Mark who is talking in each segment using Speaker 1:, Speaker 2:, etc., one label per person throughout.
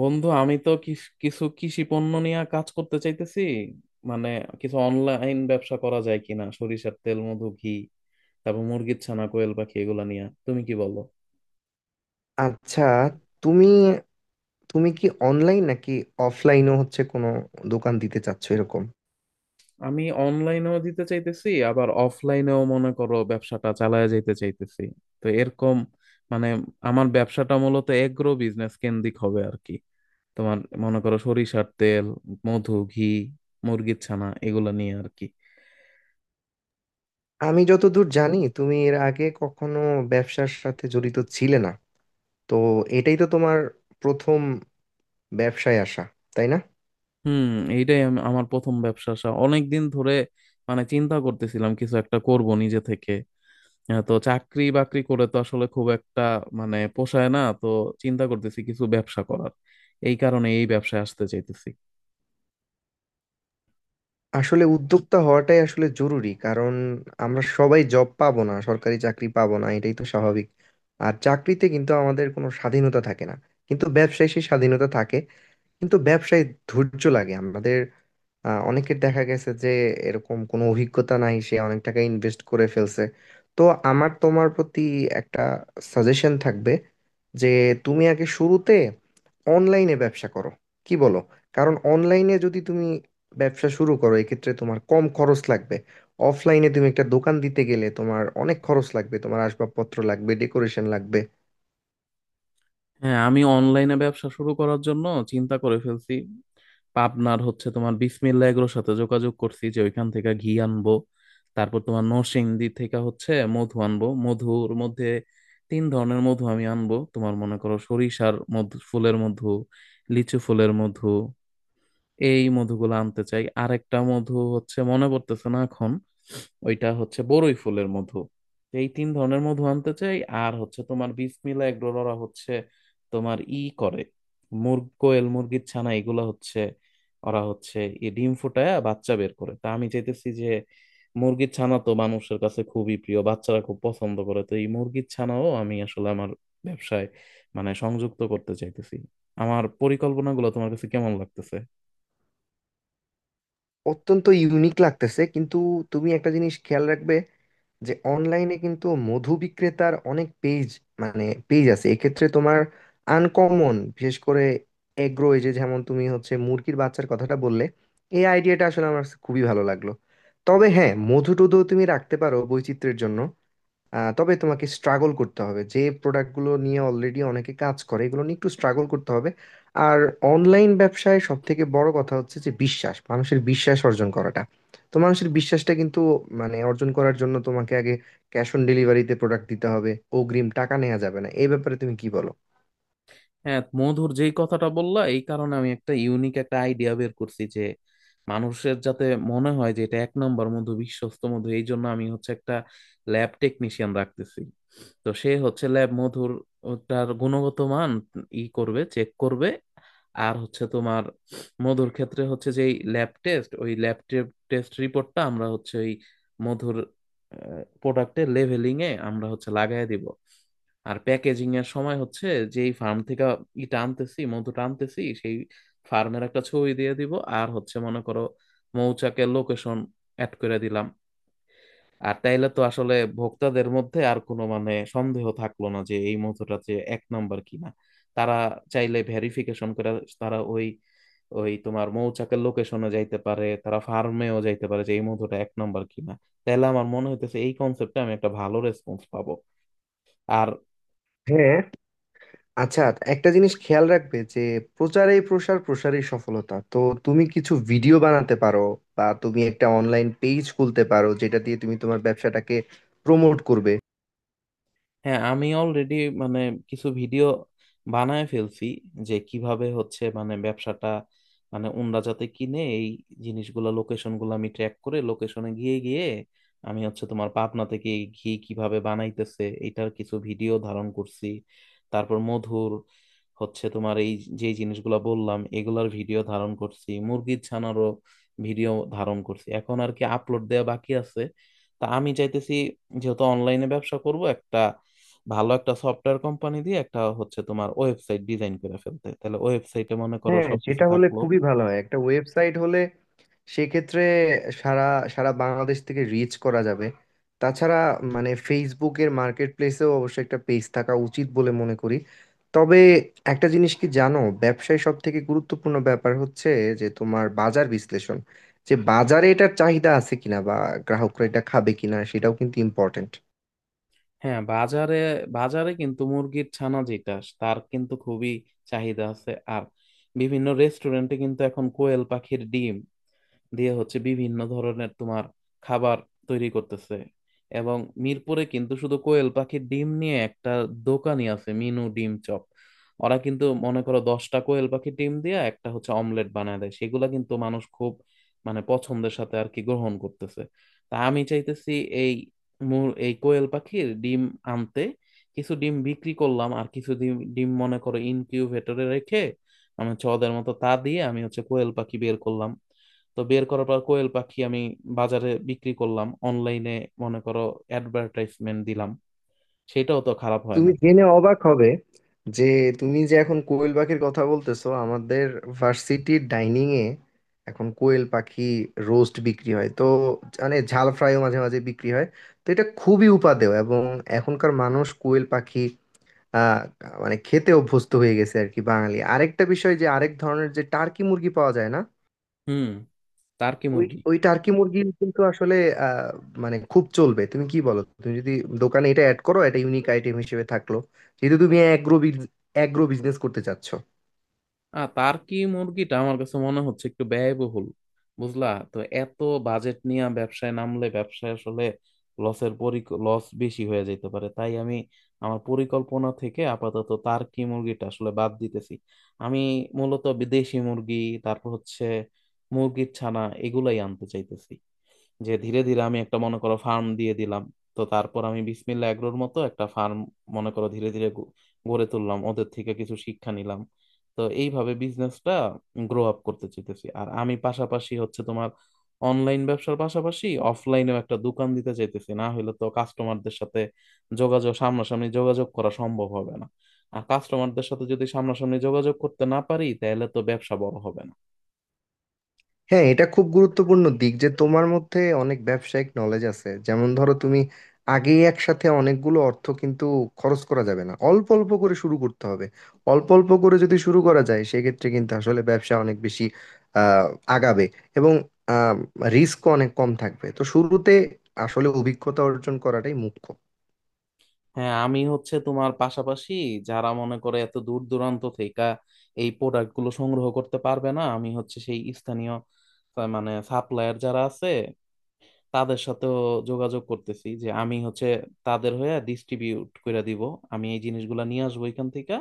Speaker 1: বন্ধু আমি তো কিছু কৃষি পণ্য নিয়ে কাজ করতে চাইতেছি। মানে কিছু অনলাইন ব্যবসা করা যায় কিনা, সরিষার তেল, মধু, ঘি, তারপর মুরগির ছানা, কোয়েল পাখি এগুলা নিয়ে, তুমি কি বলো?
Speaker 2: আচ্ছা। তুমি তুমি কি অনলাইন নাকি অফলাইনও হচ্ছে কোনো দোকান দিতে চাচ্ছো এরকম?
Speaker 1: আমি অনলাইনেও দিতে চাইতেছি, আবার অফলাইনেও মনে করো ব্যবসাটা চালায় যাইতে চাইতেছি। তো এরকম মানে আমার ব্যবসাটা মূলত এগ্রো বিজনেস কেন্দ্রিক হবে আর কি। তোমার মনে করো সরিষার তেল, মধু, ঘি, মুরগির ছানা এগুলা নিয়ে আর কি।
Speaker 2: আমি যতদূর জানি, তুমি এর আগে কখনো ব্যবসার সাথে জড়িত ছিলে না। তো এটাই তো তোমার প্রথম ব্যবসায় আসা, তাই না?
Speaker 1: হুম, এইটাই আমি আমার প্রথম ব্যবসা আসা। অনেক দিন ধরে মানে চিন্তা করতেছিলাম কিছু একটা করব নিজে থেকে। তো চাকরি বাকরি করে তো আসলে খুব একটা মানে পোষায় না তো। চিন্তা করতেছি কিছু ব্যবসা করার, এই কারণে এই ব্যবসায় আসতে চাইতেছি।
Speaker 2: আসলে উদ্যোক্তা হওয়াটাই আসলে জরুরি, কারণ আমরা সবাই জব পাবো না, সরকারি চাকরি পাবো না, এটাই তো স্বাভাবিক। আর চাকরিতে কিন্তু আমাদের কোনো স্বাধীনতা থাকে না, কিন্তু ব্যবসায় সেই স্বাধীনতা থাকে। কিন্তু ব্যবসায় ধৈর্য লাগে আমাদের। অনেকের দেখা গেছে যে এরকম কোনো অভিজ্ঞতা নাই, সে অনেক টাকা ইনভেস্ট করে ফেলছে। তো আমার তোমার প্রতি একটা সাজেশন থাকবে যে তুমি আগে শুরুতে অনলাইনে ব্যবসা করো, কি বলো? কারণ অনলাইনে যদি তুমি ব্যবসা শুরু করো, এক্ষেত্রে তোমার কম খরচ লাগবে। অফলাইনে তুমি একটা দোকান দিতে গেলে তোমার অনেক খরচ লাগবে, তোমার আসবাবপত্র লাগবে, ডেকোরেশন লাগবে।
Speaker 1: হ্যাঁ, আমি অনলাইনে ব্যবসা শুরু করার জন্য চিন্তা করে ফেলছি। পাবনার হচ্ছে তোমার বিসমিল্লা এগুলোর সাথে যোগাযোগ করছি যে ওইখান থেকে ঘি আনবো। তারপর তোমার নরসিংদী থেকে হচ্ছে মধু আনবো। মধুর মধ্যে তিন ধরনের মধু আমি আনবো, তোমার মনে করো সরিষার মধু, ফুলের মধু, লিচু ফুলের মধু। এই মধুগুলো আনতে চাই। আরেকটা মধু হচ্ছে মনে পড়তেছে না এখন, ওইটা হচ্ছে বড়ই ফুলের মধু। তো এই তিন ধরনের মধু আনতে চাই। আর হচ্ছে তোমার বিসমিল্লা এগুলো, ওরা হচ্ছে তোমার ই করে মুরগ, কোয়েল, মুরগির ছানা এগুলো হচ্ছে, ওরা হচ্ছে এই ডিম ফুটায় বাচ্চা বের করে। তা আমি চাইতেছি যে মুরগির ছানা তো মানুষের কাছে খুবই প্রিয়, বাচ্চারা খুব পছন্দ করে, তো এই মুরগির ছানাও আমি আসলে আমার ব্যবসায় মানে সংযুক্ত করতে চাইতেছি। আমার পরিকল্পনাগুলো তোমার কাছে কেমন লাগতেছে?
Speaker 2: অত্যন্ত ইউনিক লাগতেছে, কিন্তু তুমি একটা জিনিস খেয়াল রাখবে যে অনলাইনে কিন্তু মধু বিক্রেতার অনেক পেজ, মানে পেজ আছে। এক্ষেত্রে তোমার আনকমন, বিশেষ করে এগ্রো, এই যে যেমন তুমি হচ্ছে মুরগির বাচ্চার কথাটা বললে, এই আইডিয়াটা আসলে আমার কাছে খুবই ভালো লাগলো। তবে হ্যাঁ, মধু টুধু তুমি রাখতে পারো বৈচিত্র্যের জন্য। তবে তোমাকে স্ট্রাগল করতে হবে। যে প্রোডাক্টগুলো নিয়ে অলরেডি অনেকে কাজ করে, এগুলো নিয়ে একটু স্ট্রাগল করতে হবে। আর অনলাইন ব্যবসায় সব থেকে বড় কথা হচ্ছে যে বিশ্বাস, মানুষের বিশ্বাস অর্জন করাটা। তো মানুষের বিশ্বাসটা কিন্তু অর্জন করার জন্য তোমাকে আগে ক্যাশ অন ডেলিভারিতে প্রোডাক্ট দিতে হবে, অগ্রিম টাকা নেওয়া যাবে না। এই ব্যাপারে তুমি কি বলো?
Speaker 1: হ্যাঁ, মধুর যেই কথাটা বললা, এই কারণে আমি একটা ইউনিক একটা আইডিয়া বের করছি যে মানুষের যাতে মনে হয় যে এটা এক নম্বর মধু, বিশ্বস্ত মধু। এই জন্য আমি হচ্ছে একটা ল্যাব টেকনিশিয়ান রাখতেছি। তো সে হচ্ছে ল্যাব মধুর তার গুণগত মান ই করবে, চেক করবে। আর হচ্ছে তোমার মধুর ক্ষেত্রে হচ্ছে যে ল্যাব টেস্ট, ওই ল্যাব টেস্ট রিপোর্টটা আমরা হচ্ছে ওই মধুর প্রোডাক্টের লেভেলিং এ আমরা হচ্ছে লাগায় দিব। আর প্যাকেজিং এর সময় হচ্ছে যেই ফার্ম থেকে ইটা আনতেছি, মধুটা আনতেছি, সেই ফার্মের একটা ছবি দিয়ে দিব। আর হচ্ছে মনে করো মৌচাকের লোকেশন অ্যাড করে দিলাম। আর তাইলে তো আসলে ভোক্তাদের মধ্যে আর কোনো মানে সন্দেহ থাকলো না যে এই মধুটা যে এক নম্বর কিনা। তারা চাইলে ভেরিফিকেশন করে, তারা ওই ওই তোমার মৌচাকের লোকেশনে যাইতে পারে, তারা ফার্মেও যাইতে পারে যে এই মধুটা এক নম্বর কিনা। তাহলে আমার মনে হইতেছে এই কনসেপ্টে আমি একটা ভালো রেসপন্স পাবো। আর
Speaker 2: হ্যাঁ, আচ্ছা। একটা জিনিস খেয়াল রাখবে যে প্রচারেই প্রসার, প্রসারেই সফলতা। তো তুমি কিছু ভিডিও বানাতে পারো, বা তুমি একটা অনলাইন পেজ খুলতে পারো যেটা দিয়ে তুমি তোমার ব্যবসাটাকে প্রমোট করবে।
Speaker 1: হ্যাঁ, আমি অলরেডি মানে কিছু ভিডিও বানায় ফেলছি যে কিভাবে হচ্ছে মানে ব্যবসাটা, মানে ওনরা যাতে কিনে এই জিনিসগুলা। লোকেশন গুলো আমি ট্র্যাক করে লোকেশনে গিয়ে গিয়ে আমি হচ্ছে তোমার পাবনা থেকে এই ঘি কিভাবে বানাইতেছে এটার কিছু ভিডিও ধারণ করছি। তারপর মধুর হচ্ছে তোমার এই যে জিনিসগুলো বললাম এগুলার ভিডিও ধারণ করছি, মুরগির ছানারও ভিডিও ধারণ করছি। এখন আর কি আপলোড দেওয়া বাকি আছে। তা আমি চাইতেছি যেহেতু অনলাইনে ব্যবসা করব, একটা ভালো একটা সফটওয়্যার কোম্পানি দিয়ে একটা হচ্ছে তোমার ওয়েবসাইট ডিজাইন করে ফেলতে, তাহলে ওয়েবসাইটে মনে করো
Speaker 2: হ্যাঁ,
Speaker 1: সবকিছু
Speaker 2: সেটা হলে
Speaker 1: থাকলো।
Speaker 2: খুবই ভালো হয়, একটা ওয়েবসাইট হলে সেক্ষেত্রে সারা সারা বাংলাদেশ থেকে রিচ করা যাবে। তাছাড়া ফেসবুকের মার্কেট প্লেসেও অবশ্যই একটা পেজ থাকা উচিত বলে মনে করি। তবে একটা জিনিস কি জানো, ব্যবসায় সব থেকে গুরুত্বপূর্ণ ব্যাপার হচ্ছে যে তোমার বাজার বিশ্লেষণ, যে বাজারে এটার চাহিদা আছে কিনা, বা গ্রাহকরা এটা খাবে কিনা সেটাও কিন্তু ইম্পর্টেন্ট।
Speaker 1: হ্যাঁ, বাজারে বাজারে কিন্তু মুরগির ছানা যেটা, তার কিন্তু খুবই চাহিদা আছে। আর বিভিন্ন রেস্টুরেন্টে কিন্তু এখন কোয়েল পাখির ডিম দিয়ে হচ্ছে বিভিন্ন ধরনের তোমার খাবার তৈরি করতেছে। এবং মিরপুরে কিন্তু শুধু কোয়েল পাখির ডিম নিয়ে একটা দোকানই আছে, মিনু ডিম চপ। ওরা কিন্তু মনে করো 10টা কোয়েল পাখির ডিম দিয়ে একটা হচ্ছে অমলেট বানায় দেয়, সেগুলা কিন্তু মানুষ খুব মানে পছন্দের সাথে আর কি গ্রহণ করতেছে। তা আমি চাইতেছি এই এই কোয়েল পাখির ডিম আনতে, কিছু ডিম বিক্রি করলাম আর কিছু ডিম ডিম মনে করো ইনকিউবেটরে রেখে আমি হচ্ছে ওদের মতো তা দিয়ে আমি হচ্ছে কোয়েল পাখি বের করলাম। তো বের করার পর কোয়েল পাখি আমি বাজারে বিক্রি করলাম, অনলাইনে মনে করো অ্যাডভার্টাইজমেন্ট দিলাম। সেটাও তো খারাপ হয়
Speaker 2: তুমি
Speaker 1: না।
Speaker 2: জেনে অবাক হবে যে তুমি যে এখন কোয়েল পাখির কথা বলতেছো, আমাদের ভার্সিটির ডাইনিং এ এখন কোয়েল পাখি রোস্ট বিক্রি হয়। তো মানে ঝাল ফ্রাইও মাঝে মাঝে বিক্রি হয়। তো এটা খুবই উপাদেয়, এবং এখনকার মানুষ কোয়েল পাখি আহ মানে খেতে অভ্যস্ত হয়ে গেছে আর কি। বাঙালি আরেকটা বিষয় যে আরেক ধরনের যে টার্কি মুরগি পাওয়া যায় না,
Speaker 1: হুম, টার্কি
Speaker 2: ওই
Speaker 1: মুরগি।
Speaker 2: ওই টার্কি মুরগি কিন্তু আসলে আহ, মানে খুব চলবে। তুমি কি বলো? তুমি যদি দোকানে এটা অ্যাড করো, এটা ইউনিক আইটেম হিসেবে থাকলো, যেহেতু তুমি অ্যাগ্রো অ্যাগ্রো বিজনেস করতে চাচ্ছ।
Speaker 1: আর টার্কি মুরগিটা আমার কাছে মনে হচ্ছে একটু ব্যয়বহুল, বুঝলা? তো এত বাজেট নিয়ে ব্যবসায় নামলে ব্যবসায় আসলে লসের পরি লস বেশি হয়ে যেতে পারে, তাই আমি আমার পরিকল্পনা থেকে আপাতত টার্কি মুরগিটা আসলে বাদ দিতেছি। আমি মূলত বিদেশি মুরগি, তারপর হচ্ছে মুরগির ছানা এগুলাই আনতে চাইতেছি। যে ধীরে ধীরে আমি একটা মনে করো ফার্ম দিয়ে দিলাম, তো তারপর আমি বিসমিল্লাহ এগ্রোর মতো একটা ফার্ম মনে করো ধীরে ধীরে গড়ে তুললাম, ওদের থেকে কিছু শিক্ষা নিলাম। তো এইভাবে বিজনেসটা গ্রো আপ করতে চাইতেছি। আর আমি পাশাপাশি হচ্ছে তোমার অনলাইন ব্যবসার পাশাপাশি অফলাইনেও একটা দোকান দিতে চাইতেছি, না হলে তো কাস্টমারদের সাথে যোগাযোগ, সামনাসামনি যোগাযোগ করা সম্ভব হবে না। আর কাস্টমারদের সাথে যদি সামনাসামনি যোগাযোগ করতে না পারি তাহলে তো ব্যবসা বড় হবে না।
Speaker 2: হ্যাঁ, এটা খুব গুরুত্বপূর্ণ দিক যে তোমার মধ্যে অনেক ব্যবসায়িক নলেজ আছে। যেমন ধরো, তুমি আগে একসাথে অনেকগুলো অর্থ কিন্তু খরচ করা যাবে না, অল্প অল্প করে শুরু করতে হবে। অল্প অল্প করে যদি শুরু করা যায়, সেক্ষেত্রে কিন্তু আসলে ব্যবসা অনেক বেশি আহ, আগাবে, এবং রিস্কও অনেক কম থাকবে। তো শুরুতে আসলে অভিজ্ঞতা অর্জন করাটাই মুখ্য।
Speaker 1: হ্যাঁ, আমি হচ্ছে তোমার পাশাপাশি যারা মনে করে এত দূর দূরান্ত থেকে এই প্রোডাক্ট গুলো সংগ্রহ করতে পারবে না, আমি হচ্ছে সেই স্থানীয় মানে সাপ্লায়ার যারা আছে তাদের সাথেও যোগাযোগ করতেছি যে আমি হচ্ছে তাদের হয়ে ডিস্ট্রিবিউট করে দিব। আমি এই জিনিসগুলো নিয়ে আসবো এখান থেকে,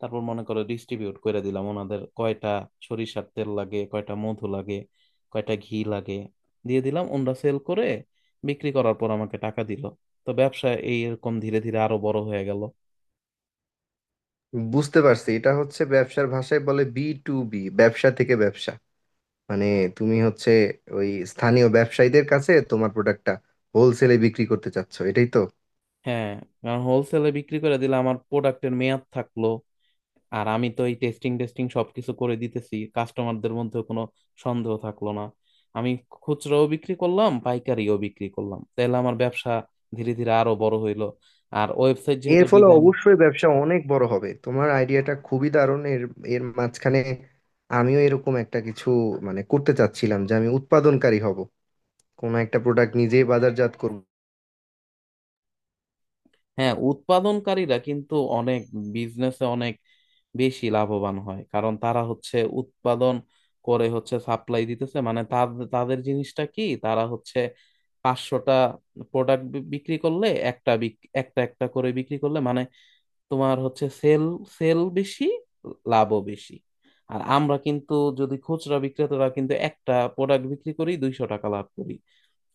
Speaker 1: তারপর মনে করো ডিস্ট্রিবিউট করে দিলাম। ওনাদের কয়টা সরিষার তেল লাগে, কয়টা মধু লাগে, কয়টা ঘি লাগে, দিয়ে দিলাম, ওনারা সেল করে, বিক্রি করার পর আমাকে টাকা দিল। তো ব্যবসা এই এরকম ধীরে ধীরে আরো বড় হয়ে গেল।
Speaker 2: বুঝতে পারছি, এটা হচ্ছে ব্যবসার ভাষায় বলে বি টু বি, ব্যবসা থেকে ব্যবসা। মানে তুমি হচ্ছে ওই স্থানীয় ব্যবসায়ীদের কাছে তোমার প্রোডাক্টটা হোলসেলে বিক্রি করতে চাচ্ছ, এটাই তো?
Speaker 1: হ্যাঁ, কারণ হোলসেলে বিক্রি করে দিলে আমার প্রোডাক্টের মেয়াদ থাকলো, আর আমি তো এই টেস্টিং টেস্টিং সবকিছু করে দিতেছি, কাস্টমারদের মধ্যে কোনো সন্দেহ থাকলো না। আমি খুচরাও বিক্রি করলাম, পাইকারিও বিক্রি করলাম, তাহলে আমার ব্যবসা ধীরে ধীরে আরো বড় হইলো। আর ওয়েবসাইট যেহেতু
Speaker 2: এর ফলে
Speaker 1: ডিজাইন।
Speaker 2: অবশ্যই ব্যবসা অনেক বড় হবে, তোমার আইডিয়াটা খুবই দারুণ। এর এর মাঝখানে আমিও এরকম একটা কিছু মানে করতে চাচ্ছিলাম যে আমি উৎপাদনকারী হব, কোনো একটা প্রোডাক্ট নিজেই বাজারজাত করব।
Speaker 1: হ্যাঁ, উৎপাদনকারীরা কিন্তু অনেক বিজনেসে অনেক বেশি লাভবান হয়, কারণ তারা হচ্ছে উৎপাদন করে হচ্ছে সাপ্লাই দিতেছে। মানে তাদের তাদের জিনিসটা কি, তারা হচ্ছে 500টা প্রোডাক্ট বিক্রি করলে, একটা একটা করে বিক্রি করলে মানে, তোমার হচ্ছে সেল সেল বেশি, লাভও বেশি। আর আমরা কিন্তু যদি, খুচরা বিক্রেতারা কিন্তু একটা প্রোডাক্ট বিক্রি করি 200 টাকা লাভ করি,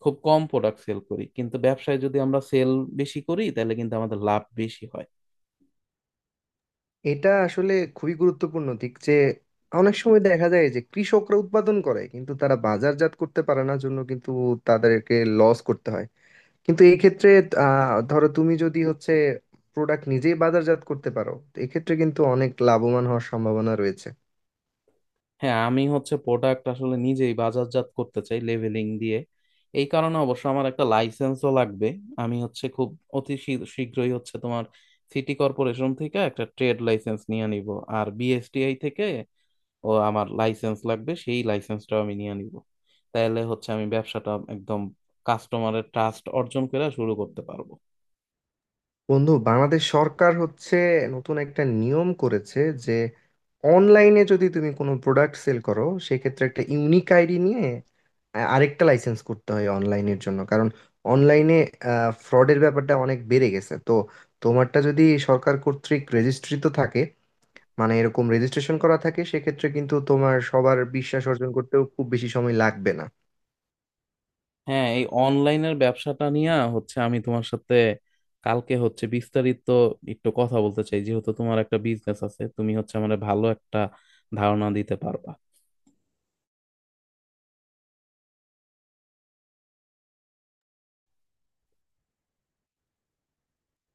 Speaker 1: খুব কম প্রোডাক্ট সেল করি, কিন্তু ব্যবসায় যদি আমরা সেল বেশি করি তাহলে কিন্তু আমাদের লাভ বেশি হয়।
Speaker 2: এটা আসলে খুবই গুরুত্বপূর্ণ দিক যে অনেক সময় দেখা যায় যে কৃষকরা উৎপাদন করে, কিন্তু তারা বাজারজাত করতে পারে না, জন্য কিন্তু তাদেরকে লস করতে হয়। কিন্তু এই ক্ষেত্রে ধরো তুমি যদি হচ্ছে প্রোডাক্ট নিজেই বাজারজাত করতে পারো, তো এক্ষেত্রে কিন্তু অনেক লাভবান হওয়ার সম্ভাবনা রয়েছে।
Speaker 1: হ্যাঁ, আমি হচ্ছে প্রোডাক্ট আসলে নিজেই বাজারজাত করতে চাই, লেভেলিং দিয়ে। এই কারণে অবশ্য আমার একটা লাইসেন্সও লাগবে। আমি হচ্ছে খুব অতি শীঘ্রই হচ্ছে তোমার সিটি কর্পোরেশন থেকে একটা ট্রেড লাইসেন্স নিয়ে নিব। আর বিএসটিআই থেকে ও আমার লাইসেন্স লাগবে, সেই লাইসেন্সটাও আমি নিয়ে নিব। তাহলে হচ্ছে আমি ব্যবসাটা একদম কাস্টমারের ট্রাস্ট অর্জন করে শুরু করতে পারবো।
Speaker 2: বন্ধু, বাংলাদেশ সরকার হচ্ছে নতুন একটা নিয়ম করেছে যে অনলাইনে যদি তুমি কোনো প্রোডাক্ট সেল করো, সেক্ষেত্রে একটা ইউনিক আইডি নিয়ে আরেকটা লাইসেন্স করতে হয় অনলাইনের জন্য, কারণ অনলাইনে ফ্রডের ব্যাপারটা অনেক বেড়ে গেছে। তো তোমারটা যদি সরকার কর্তৃক রেজিস্ট্রি তো থাকে, মানে এরকম রেজিস্ট্রেশন করা থাকে, সেক্ষেত্রে কিন্তু তোমার সবার বিশ্বাস অর্জন করতেও খুব বেশি সময় লাগবে না।
Speaker 1: হ্যাঁ, এই অনলাইনের ব্যবসাটা নিয়ে হচ্ছে আমি তোমার সাথে কালকে হচ্ছে বিস্তারিত একটু কথা বলতে চাই, যেহেতু তোমার একটা বিজনেস আছে তুমি হচ্ছে আমার ভালো একটা ধারণা দিতে পারবা।